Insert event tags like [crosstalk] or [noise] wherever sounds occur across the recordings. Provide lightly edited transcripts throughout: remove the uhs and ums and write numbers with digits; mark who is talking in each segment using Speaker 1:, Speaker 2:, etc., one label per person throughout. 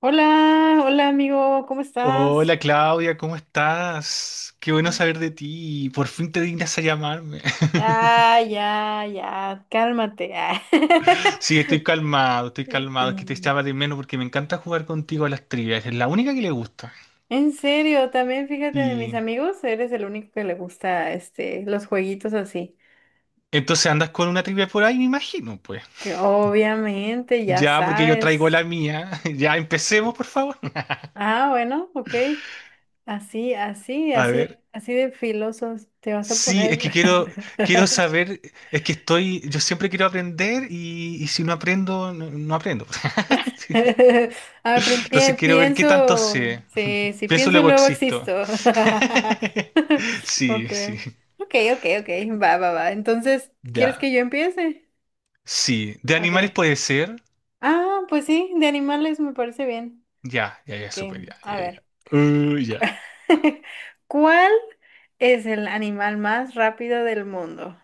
Speaker 1: Hola, hola amigo, ¿cómo estás?
Speaker 2: Hola Claudia, ¿cómo estás? Qué bueno saber de ti. Por fin te dignas a llamarme. [laughs]
Speaker 1: Ya, ya, ya, cálmate. Ah. [laughs]
Speaker 2: Sí, estoy calmado, estoy calmado. Es que te
Speaker 1: Mm.
Speaker 2: echaba de menos porque me encanta jugar contigo a las trivias. Es la única que le gusta.
Speaker 1: En serio, también fíjate de mis
Speaker 2: Y
Speaker 1: amigos, eres el único que le gusta los jueguitos así.
Speaker 2: entonces andas con una trivia por ahí, me imagino, pues.
Speaker 1: Que obviamente ya
Speaker 2: Ya, porque yo traigo
Speaker 1: sabes.
Speaker 2: la mía. [laughs] Ya empecemos, por favor.
Speaker 1: Ah, bueno, ok. Así, así,
Speaker 2: A
Speaker 1: así,
Speaker 2: ver.
Speaker 1: así de filosos te vas a
Speaker 2: Sí,
Speaker 1: poner.
Speaker 2: es que quiero,
Speaker 1: [laughs]
Speaker 2: quiero saber, es que yo siempre quiero aprender y si no aprendo, no, no aprendo. [laughs]
Speaker 1: [laughs] Ah, pero
Speaker 2: Entonces quiero ver qué tanto
Speaker 1: pienso,
Speaker 2: sé.
Speaker 1: sí, si
Speaker 2: Pienso
Speaker 1: pienso
Speaker 2: luego
Speaker 1: luego
Speaker 2: existo.
Speaker 1: existo. [laughs]
Speaker 2: [laughs] Sí, sí.
Speaker 1: Okay, okay, okay, okay, va, va, va. Entonces, ¿quieres
Speaker 2: Ya.
Speaker 1: que yo empiece?
Speaker 2: Sí. De animales
Speaker 1: Okay.
Speaker 2: puede ser.
Speaker 1: Ah, pues sí, de animales me parece bien.
Speaker 2: Ya, ya, ya, súper,
Speaker 1: Okay,
Speaker 2: ya,
Speaker 1: a
Speaker 2: ya, ya.
Speaker 1: ver.
Speaker 2: Ya.
Speaker 1: [laughs] ¿Cuál es el animal más rápido del mundo?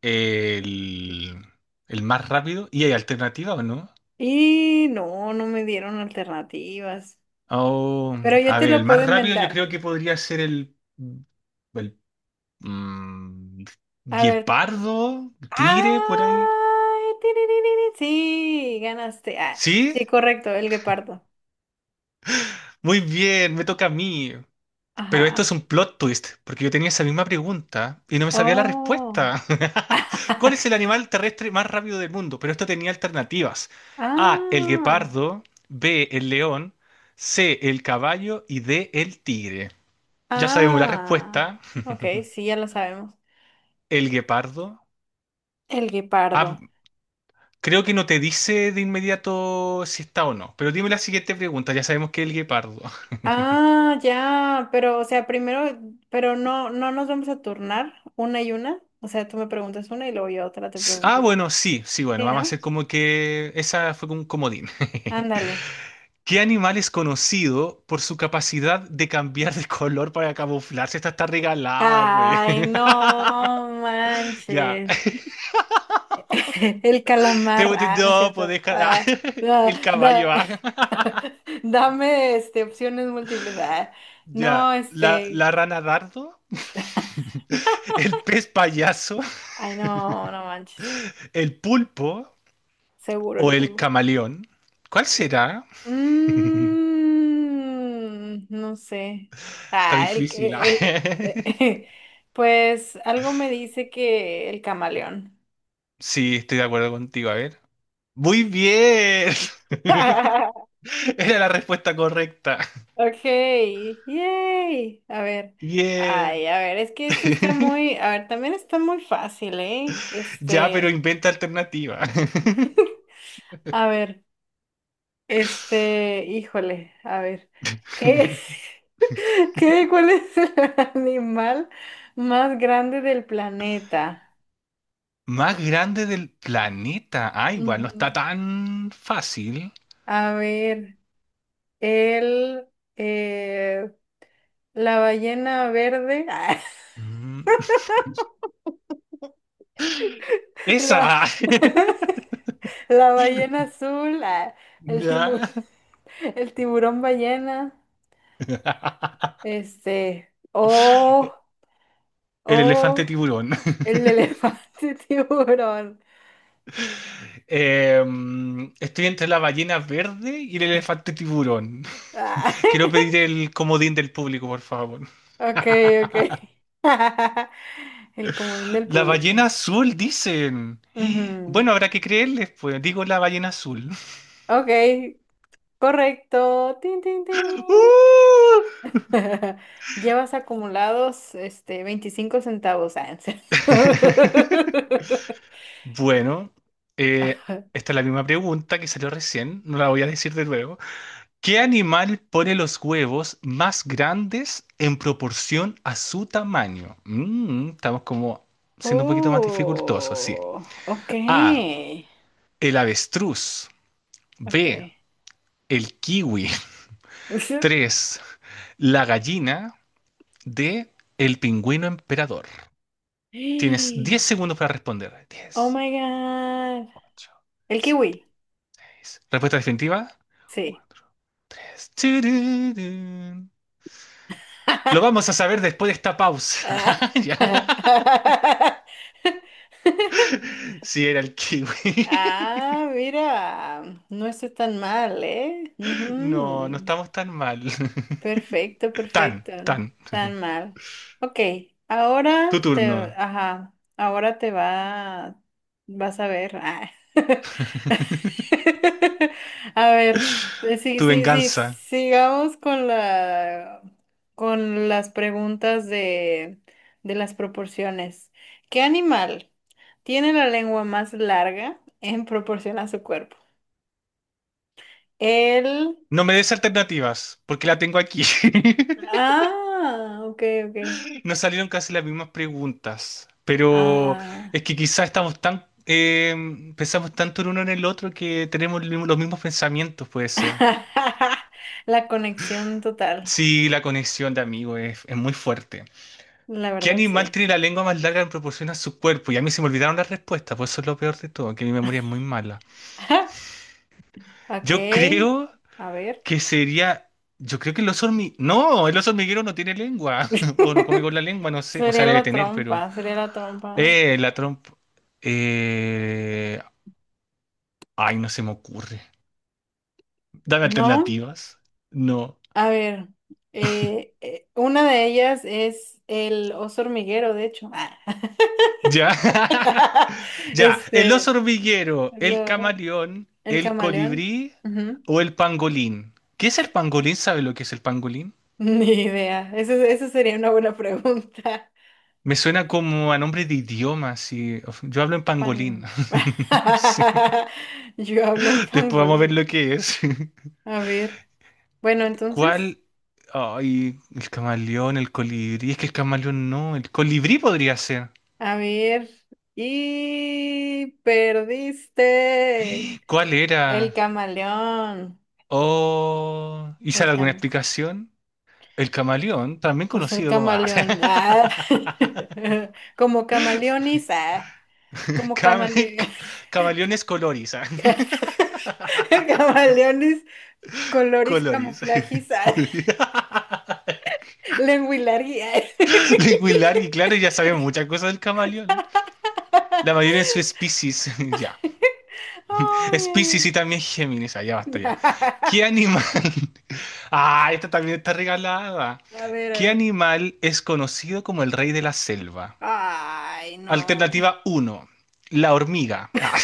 Speaker 2: El, el más rápido. ¿Y hay alternativa o no?
Speaker 1: Y no, no me dieron alternativas,
Speaker 2: Oh,
Speaker 1: pero yo
Speaker 2: a
Speaker 1: te
Speaker 2: ver, el
Speaker 1: lo puedo
Speaker 2: más rápido yo
Speaker 1: inventar.
Speaker 2: creo que podría ser el. mm,
Speaker 1: A ver,
Speaker 2: guepardo, tigre, por ahí.
Speaker 1: ¡Ay!, tiririrí, sí, ganaste. Ah,
Speaker 2: ¿Sí?
Speaker 1: sí, correcto, el guepardo.
Speaker 2: Muy bien, me toca a mí. Pero esto es
Speaker 1: Ajá.
Speaker 2: un plot twist, porque yo tenía esa misma pregunta y no me sabía la
Speaker 1: Oh.
Speaker 2: respuesta. [laughs] ¿Cuál
Speaker 1: [laughs]
Speaker 2: es el animal terrestre más rápido del mundo? Pero esto tenía alternativas. A, el
Speaker 1: Ah.
Speaker 2: guepardo, B, el león, C, el caballo y D, el tigre. Ya sabemos la
Speaker 1: Ah.
Speaker 2: respuesta,
Speaker 1: Ok, sí, ya lo sabemos.
Speaker 2: el guepardo.
Speaker 1: El
Speaker 2: Ah,
Speaker 1: guepardo.
Speaker 2: creo que no te dice de inmediato si está o no, pero dime la siguiente pregunta, ya sabemos que es el guepardo.
Speaker 1: Ah, ya, pero, o sea, primero, pero no, no nos vamos a turnar una y una. O sea, tú me preguntas una y luego yo otra te pregunto.
Speaker 2: Ah, bueno, sí, sí, bueno,
Speaker 1: Sí,
Speaker 2: vamos a
Speaker 1: ¿no?
Speaker 2: hacer como que esa fue como un comodín. [laughs]
Speaker 1: Ándale.
Speaker 2: ¿Qué animal es conocido por su capacidad de cambiar de color para camuflarse? Esta está regalada, pues.
Speaker 1: Ay, no
Speaker 2: [laughs] Ya.
Speaker 1: manches. [laughs] El
Speaker 2: Te
Speaker 1: calamar,
Speaker 2: voy a
Speaker 1: ah, no es
Speaker 2: no, pues
Speaker 1: cierto.
Speaker 2: deja. [laughs]
Speaker 1: Ah, no,
Speaker 2: El caballo.
Speaker 1: [laughs] dame, opciones múltiples. Ah, no,
Speaker 2: Ya. La,
Speaker 1: este.
Speaker 2: la rana dardo, el pez payaso,
Speaker 1: Ay, no, no manches.
Speaker 2: el pulpo
Speaker 1: Seguro
Speaker 2: o
Speaker 1: el
Speaker 2: el
Speaker 1: polvo.
Speaker 2: camaleón. ¿Cuál será?
Speaker 1: Mm, no sé.
Speaker 2: Está
Speaker 1: Ah,
Speaker 2: difícil. [laughs]
Speaker 1: el, [laughs] pues algo me dice que el camaleón.
Speaker 2: Sí, estoy de acuerdo contigo. A ver. Muy bien. [laughs]
Speaker 1: [laughs]
Speaker 2: Era la respuesta correcta.
Speaker 1: Ok, yay. A ver, ay,
Speaker 2: Bien.
Speaker 1: a ver, es que este está
Speaker 2: [laughs]
Speaker 1: muy, a ver, también está muy fácil, ¿eh?
Speaker 2: Ya, pero inventa alternativa. [laughs]
Speaker 1: [laughs] A ver, híjole, a ver, ¿qué, [laughs] ¿qué, cuál es el [laughs] animal más grande del planeta?
Speaker 2: Más grande del planeta. Ah, igual no
Speaker 1: Ujú.
Speaker 2: está tan fácil.
Speaker 1: A ver, el, eh, la ballena verde, [laughs]
Speaker 2: Mm. [laughs]
Speaker 1: la,
Speaker 2: Esa.
Speaker 1: [laughs] la ballena
Speaker 2: [laughs]
Speaker 1: azul, ah, el tiburón,
Speaker 2: Ya.
Speaker 1: [laughs] el tiburón ballena,
Speaker 2: [laughs]
Speaker 1: oh,
Speaker 2: El
Speaker 1: oh,
Speaker 2: elefante tiburón. [laughs]
Speaker 1: el elefante [laughs] tiburón.
Speaker 2: Estoy entre la ballena verde y el elefante tiburón.
Speaker 1: Ah,
Speaker 2: [laughs] Quiero
Speaker 1: [laughs]
Speaker 2: pedir el comodín del público, por favor.
Speaker 1: ok, ok. [laughs] El comodín del
Speaker 2: La
Speaker 1: público.
Speaker 2: ballena azul, dicen. [gasps]
Speaker 1: Ujú.
Speaker 2: Bueno, habrá que creerles, pues. Digo la ballena azul.
Speaker 1: Ok, correcto. Tin, tin,
Speaker 2: [laughs]
Speaker 1: tin.
Speaker 2: ¡Uh!
Speaker 1: [laughs] Llevas acumulados 25 centavos, Ansel.
Speaker 2: [laughs]
Speaker 1: [laughs]
Speaker 2: Bueno, esta es la misma pregunta que salió recién, no la voy a decir de nuevo. ¿Qué animal pone los huevos más grandes en proporción a su tamaño? Estamos como siendo un poquito más dificultosos, sí.
Speaker 1: Oh,
Speaker 2: A,
Speaker 1: okay,
Speaker 2: el avestruz. B,
Speaker 1: okay.
Speaker 2: el kiwi. [laughs]
Speaker 1: [laughs]
Speaker 2: 3, la gallina. D, el pingüino emperador. Tienes 10
Speaker 1: ¡Ay!
Speaker 2: segundos para responder.
Speaker 1: Oh
Speaker 2: 10,
Speaker 1: my God.
Speaker 2: 8,
Speaker 1: El
Speaker 2: 7,
Speaker 1: kiwi,
Speaker 2: 6. Respuesta definitiva.
Speaker 1: sí.
Speaker 2: 4, Tururún. Lo vamos a
Speaker 1: [laughs]
Speaker 2: saber después de esta pausa.
Speaker 1: Ah,
Speaker 2: [laughs] Ya.
Speaker 1: [laughs]
Speaker 2: Sí, era el kiwi.
Speaker 1: ah,
Speaker 2: [laughs]
Speaker 1: mira, no estoy tan mal, eh.
Speaker 2: No, no
Speaker 1: Ujú.
Speaker 2: estamos tan mal. [laughs]
Speaker 1: Perfecto,
Speaker 2: Tan,
Speaker 1: perfecto.
Speaker 2: tan.
Speaker 1: Tan mal. Ok, ahora
Speaker 2: Tu
Speaker 1: te,
Speaker 2: turno,
Speaker 1: ajá, vas a ver. Ah. [laughs] A ver, sí,
Speaker 2: tu
Speaker 1: sí, sí,
Speaker 2: venganza.
Speaker 1: sigamos con las preguntas de las proporciones. ¿Qué animal tiene la lengua más larga en proporción a su cuerpo? El,
Speaker 2: No me des alternativas, porque la tengo aquí. [laughs]
Speaker 1: ah, ok, ok.
Speaker 2: Nos salieron casi las mismas preguntas, pero
Speaker 1: Ah.
Speaker 2: es que quizás estamos pensamos tanto en uno en el otro que tenemos los mismos pensamientos, puede ser.
Speaker 1: [laughs] La conexión total,
Speaker 2: Sí, la conexión de amigos es muy fuerte.
Speaker 1: la
Speaker 2: ¿Qué
Speaker 1: verdad
Speaker 2: animal
Speaker 1: sí.
Speaker 2: tiene la lengua más larga en proporción a su cuerpo? Y a mí se me olvidaron las respuestas. Por eso es lo peor de todo, que mi memoria es muy mala.
Speaker 1: [laughs] Ok,
Speaker 2: Yo creo
Speaker 1: a ver.
Speaker 2: que sería. Yo creo que el oso hormiguero. No, el oso hormiguero no tiene lengua. [laughs] O no come
Speaker 1: [laughs]
Speaker 2: con la lengua, no sé. O sea,
Speaker 1: Sería
Speaker 2: debe
Speaker 1: la
Speaker 2: tener, pero.
Speaker 1: trompa, sería la trompa.
Speaker 2: La trompa. Eh... Ay, no se me ocurre. Dame
Speaker 1: ¿No?
Speaker 2: alternativas. No.
Speaker 1: A ver, una de ellas es el oso hormiguero, de hecho. Ah.
Speaker 2: Ya. [laughs]
Speaker 1: [laughs]
Speaker 2: Ya, el oso
Speaker 1: Este,
Speaker 2: hormiguero, el
Speaker 1: lo-
Speaker 2: camaleón,
Speaker 1: el
Speaker 2: el
Speaker 1: camaleón.
Speaker 2: colibrí
Speaker 1: Ujú.
Speaker 2: o el pangolín. ¿Qué es el pangolín? ¿Sabe lo que es el pangolín?
Speaker 1: [laughs] Ni idea. Eso sería una buena pregunta.
Speaker 2: Me suena como a nombre de idioma, sí. Yo hablo en pangolín.
Speaker 1: Pan.
Speaker 2: [laughs] Sí.
Speaker 1: [laughs] Yo hablo en
Speaker 2: Después vamos a ver
Speaker 1: pangolín.
Speaker 2: lo que es.
Speaker 1: A ver, bueno,
Speaker 2: [laughs]
Speaker 1: entonces,
Speaker 2: ¿Cuál? Ay, el camaleón, el colibrí. Es que el camaleón no, el colibrí podría ser.
Speaker 1: a ver, y perdiste
Speaker 2: ¿Cuál
Speaker 1: el
Speaker 2: era?
Speaker 1: camaleón,
Speaker 2: Oh, ¿y
Speaker 1: el
Speaker 2: sale alguna
Speaker 1: cam,
Speaker 2: explicación? El camaleón, también
Speaker 1: pues el
Speaker 2: conocido como... [laughs] Ah.
Speaker 1: camaleón, ah, [laughs] como camaleonis, ah, como
Speaker 2: Cam- [laughs]
Speaker 1: camaleón.
Speaker 2: camaleones coloris.
Speaker 1: [laughs] Camaleones,
Speaker 2: [laughs]
Speaker 1: colores coloris,
Speaker 2: Coloris. [laughs]
Speaker 1: camuflagis, ah, lenguilari, ah. [laughs]
Speaker 2: Linguilar y claro, ya sabemos muchas cosas del camaleón. La mayoría de su especies. [laughs] Ya.
Speaker 1: ¡Ay, ay,
Speaker 2: Especies y también Géminis. Ya basta ya.
Speaker 1: ay! [laughs]
Speaker 2: ¿Qué animal? [laughs] Ah, esta también está regalada.
Speaker 1: A
Speaker 2: ¿Qué
Speaker 1: ver,
Speaker 2: animal es conocido como el rey de la selva?
Speaker 1: ay, no.
Speaker 2: Alternativa uno, la hormiga. Ah,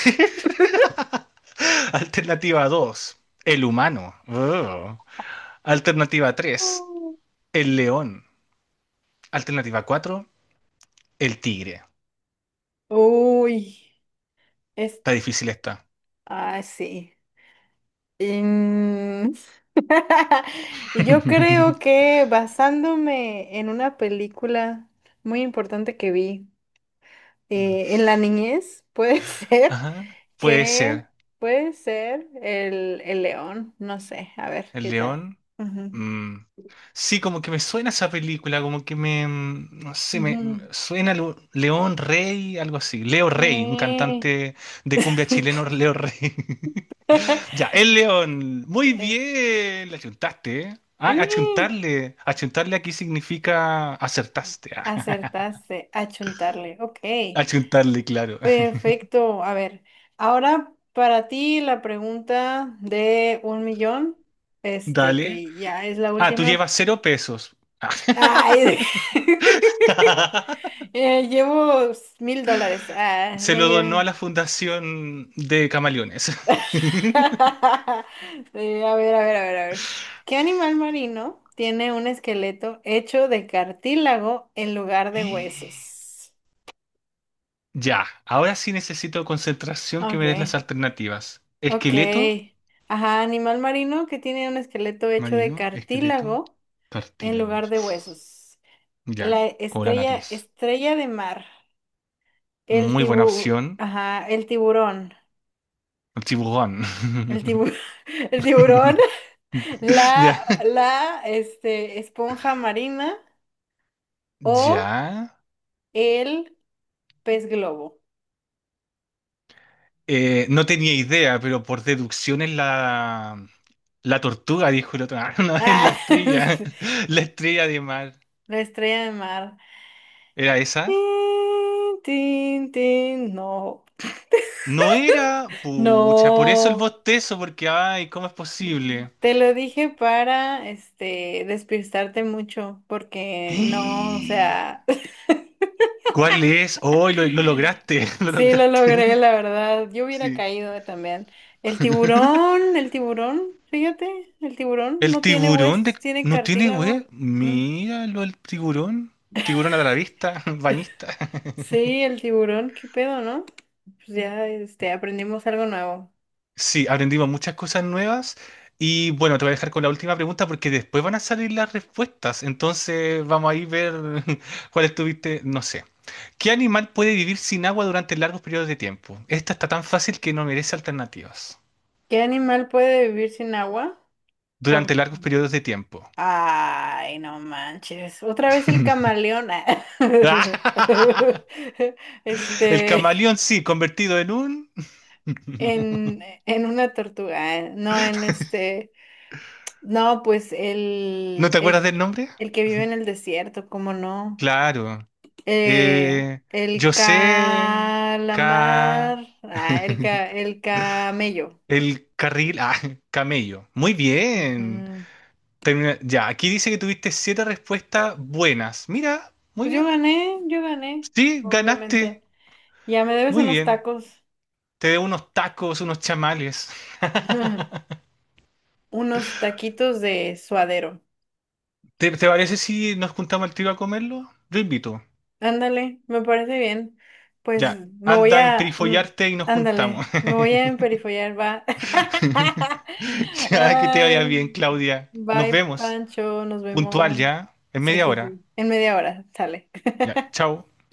Speaker 2: [laughs] Alternativa 2, el humano. Oh. Alternativa tres,
Speaker 1: Oh.
Speaker 2: el león. Alternativa 4, el tigre.
Speaker 1: Uy, es,
Speaker 2: Está difícil esta.
Speaker 1: ah, sí. Mm, [laughs] Yo creo
Speaker 2: [laughs]
Speaker 1: que basándome en una película muy importante que vi en la niñez, puede [laughs] ser
Speaker 2: Ajá. Puede
Speaker 1: que,
Speaker 2: ser.
Speaker 1: puede ser el león, no sé, a ver,
Speaker 2: El
Speaker 1: ¿qué tal?
Speaker 2: león. Mm. Sí, como que me suena esa película, como que no sé,
Speaker 1: Ujú,
Speaker 2: me
Speaker 1: ujú.
Speaker 2: me suena León Rey, algo así. Leo Rey, un
Speaker 1: Eh,
Speaker 2: cantante de cumbia chileno,
Speaker 1: [laughs]
Speaker 2: Leo Rey. [laughs] Ya, el león. Muy
Speaker 1: eh,
Speaker 2: bien, le achuntaste, ¿eh? Ah,
Speaker 1: y
Speaker 2: achuntarle. Achuntarle aquí significa acertaste. [laughs] Ah.
Speaker 1: acertaste, achuntarle, ok.
Speaker 2: Achuntarle, claro. [laughs]
Speaker 1: Perfecto. A ver, ahora para ti la pregunta de un millón,
Speaker 2: Dale.
Speaker 1: que ya es la
Speaker 2: Ah, tú
Speaker 1: última.
Speaker 2: llevas 0 pesos.
Speaker 1: Ay, [laughs]
Speaker 2: [laughs]
Speaker 1: llevo $1,000. Ah,
Speaker 2: Se
Speaker 1: no
Speaker 2: lo donó
Speaker 1: llevo.
Speaker 2: a la fundación de camaleones. [laughs]
Speaker 1: [laughs] A ver, a ver, a ver, a ver. ¿Qué animal marino tiene un esqueleto hecho de cartílago en lugar de huesos?
Speaker 2: Ya, ahora sí necesito concentración que me des
Speaker 1: Okay,
Speaker 2: las alternativas. Esqueleto,
Speaker 1: okay. Ajá, animal marino que tiene un esqueleto hecho de
Speaker 2: marino, esqueleto,
Speaker 1: cartílago en lugar
Speaker 2: cartílagos.
Speaker 1: de huesos.
Speaker 2: Ya,
Speaker 1: La
Speaker 2: con la
Speaker 1: estrella,
Speaker 2: nariz.
Speaker 1: estrella de mar. El
Speaker 2: Muy buena
Speaker 1: tibu,
Speaker 2: opción.
Speaker 1: ajá, el tiburón.
Speaker 2: El tiburón.
Speaker 1: El tiburón, [laughs] el tiburón,
Speaker 2: [laughs]
Speaker 1: [laughs]
Speaker 2: Ya.
Speaker 1: la esponja marina o
Speaker 2: Ya.
Speaker 1: el pez globo.
Speaker 2: No tenía idea, pero por deducción es la tortuga, dijo el otro. [laughs] Ah, no, es la
Speaker 1: Ah, [laughs]
Speaker 2: estrella. La estrella de mar.
Speaker 1: la estrella de mar.
Speaker 2: ¿Era esa?
Speaker 1: Tin, tin, tin, no,
Speaker 2: No era, pucha, por eso el
Speaker 1: no.
Speaker 2: bostezo, porque, ay, ¿cómo es posible?
Speaker 1: Te lo dije para, despistarte mucho, porque no, o
Speaker 2: [gasps]
Speaker 1: sea,
Speaker 2: ¿Cuál es? Oh, lo lograste, [laughs] lo
Speaker 1: sí, lo logré,
Speaker 2: lograste.
Speaker 1: la verdad. Yo hubiera
Speaker 2: Sí.
Speaker 1: caído también. El tiburón, fíjate, el tiburón
Speaker 2: El
Speaker 1: no tiene
Speaker 2: tiburón de...
Speaker 1: huesos, tiene
Speaker 2: ¿No tiene web?
Speaker 1: cartílago. Mm.
Speaker 2: Míralo, el tiburón. Tiburón a la vista, [laughs] banista.
Speaker 1: Sí, el tiburón, qué pedo, ¿no? Pues ya, aprendimos algo nuevo.
Speaker 2: Sí, aprendimos muchas cosas nuevas. Y bueno, te voy a dejar con la última pregunta porque después van a salir las respuestas. Entonces vamos a ir ver [laughs] cuál estuviste, no sé. ¿Qué animal puede vivir sin agua durante largos periodos de tiempo? Esta está tan fácil que no merece alternativas.
Speaker 1: ¿Qué animal puede vivir sin agua?
Speaker 2: Durante
Speaker 1: Por...
Speaker 2: largos periodos de tiempo.
Speaker 1: Ay, no manches. Otra vez el
Speaker 2: [laughs]
Speaker 1: camaleón. Ah. [laughs]
Speaker 2: El
Speaker 1: Este,
Speaker 2: camaleón, sí, convertido en un... [laughs]
Speaker 1: en una tortuga, ah, no en este. No, pues
Speaker 2: ¿No te acuerdas del nombre?
Speaker 1: el que vive en el desierto, ¿cómo no?
Speaker 2: Claro. Eh,
Speaker 1: El
Speaker 2: yo sé... Ca...
Speaker 1: calamar, ah,
Speaker 2: [laughs]
Speaker 1: el camello.
Speaker 2: El carril... Ah, camello. Muy bien.
Speaker 1: Mm,
Speaker 2: Ya, aquí dice que tuviste siete respuestas buenas. Mira, muy
Speaker 1: pues
Speaker 2: bien.
Speaker 1: yo gané,
Speaker 2: Sí, ganaste.
Speaker 1: obviamente. Ya me debes
Speaker 2: Muy
Speaker 1: unos
Speaker 2: bien.
Speaker 1: tacos,
Speaker 2: Te debo unos tacos, unos chamales.
Speaker 1: [laughs] unos taquitos de suadero.
Speaker 2: ¿Te parece si nos juntamos al tiro a comerlo? Yo invito.
Speaker 1: Ándale, me parece bien. Pues
Speaker 2: Ya,
Speaker 1: me voy
Speaker 2: anda en
Speaker 1: a, mm,
Speaker 2: perifollarte y nos
Speaker 1: ándale,
Speaker 2: juntamos.
Speaker 1: me voy a
Speaker 2: [laughs]
Speaker 1: emperifollar, va. [laughs]
Speaker 2: Ya, que te vaya
Speaker 1: Ay.
Speaker 2: bien, Claudia. Nos
Speaker 1: Bye,
Speaker 2: vemos.
Speaker 1: Pancho, nos
Speaker 2: Puntual
Speaker 1: vemos.
Speaker 2: ya, en
Speaker 1: Sí,
Speaker 2: media
Speaker 1: sí,
Speaker 2: hora.
Speaker 1: sí. En media hora, sale.
Speaker 2: Ya, chao.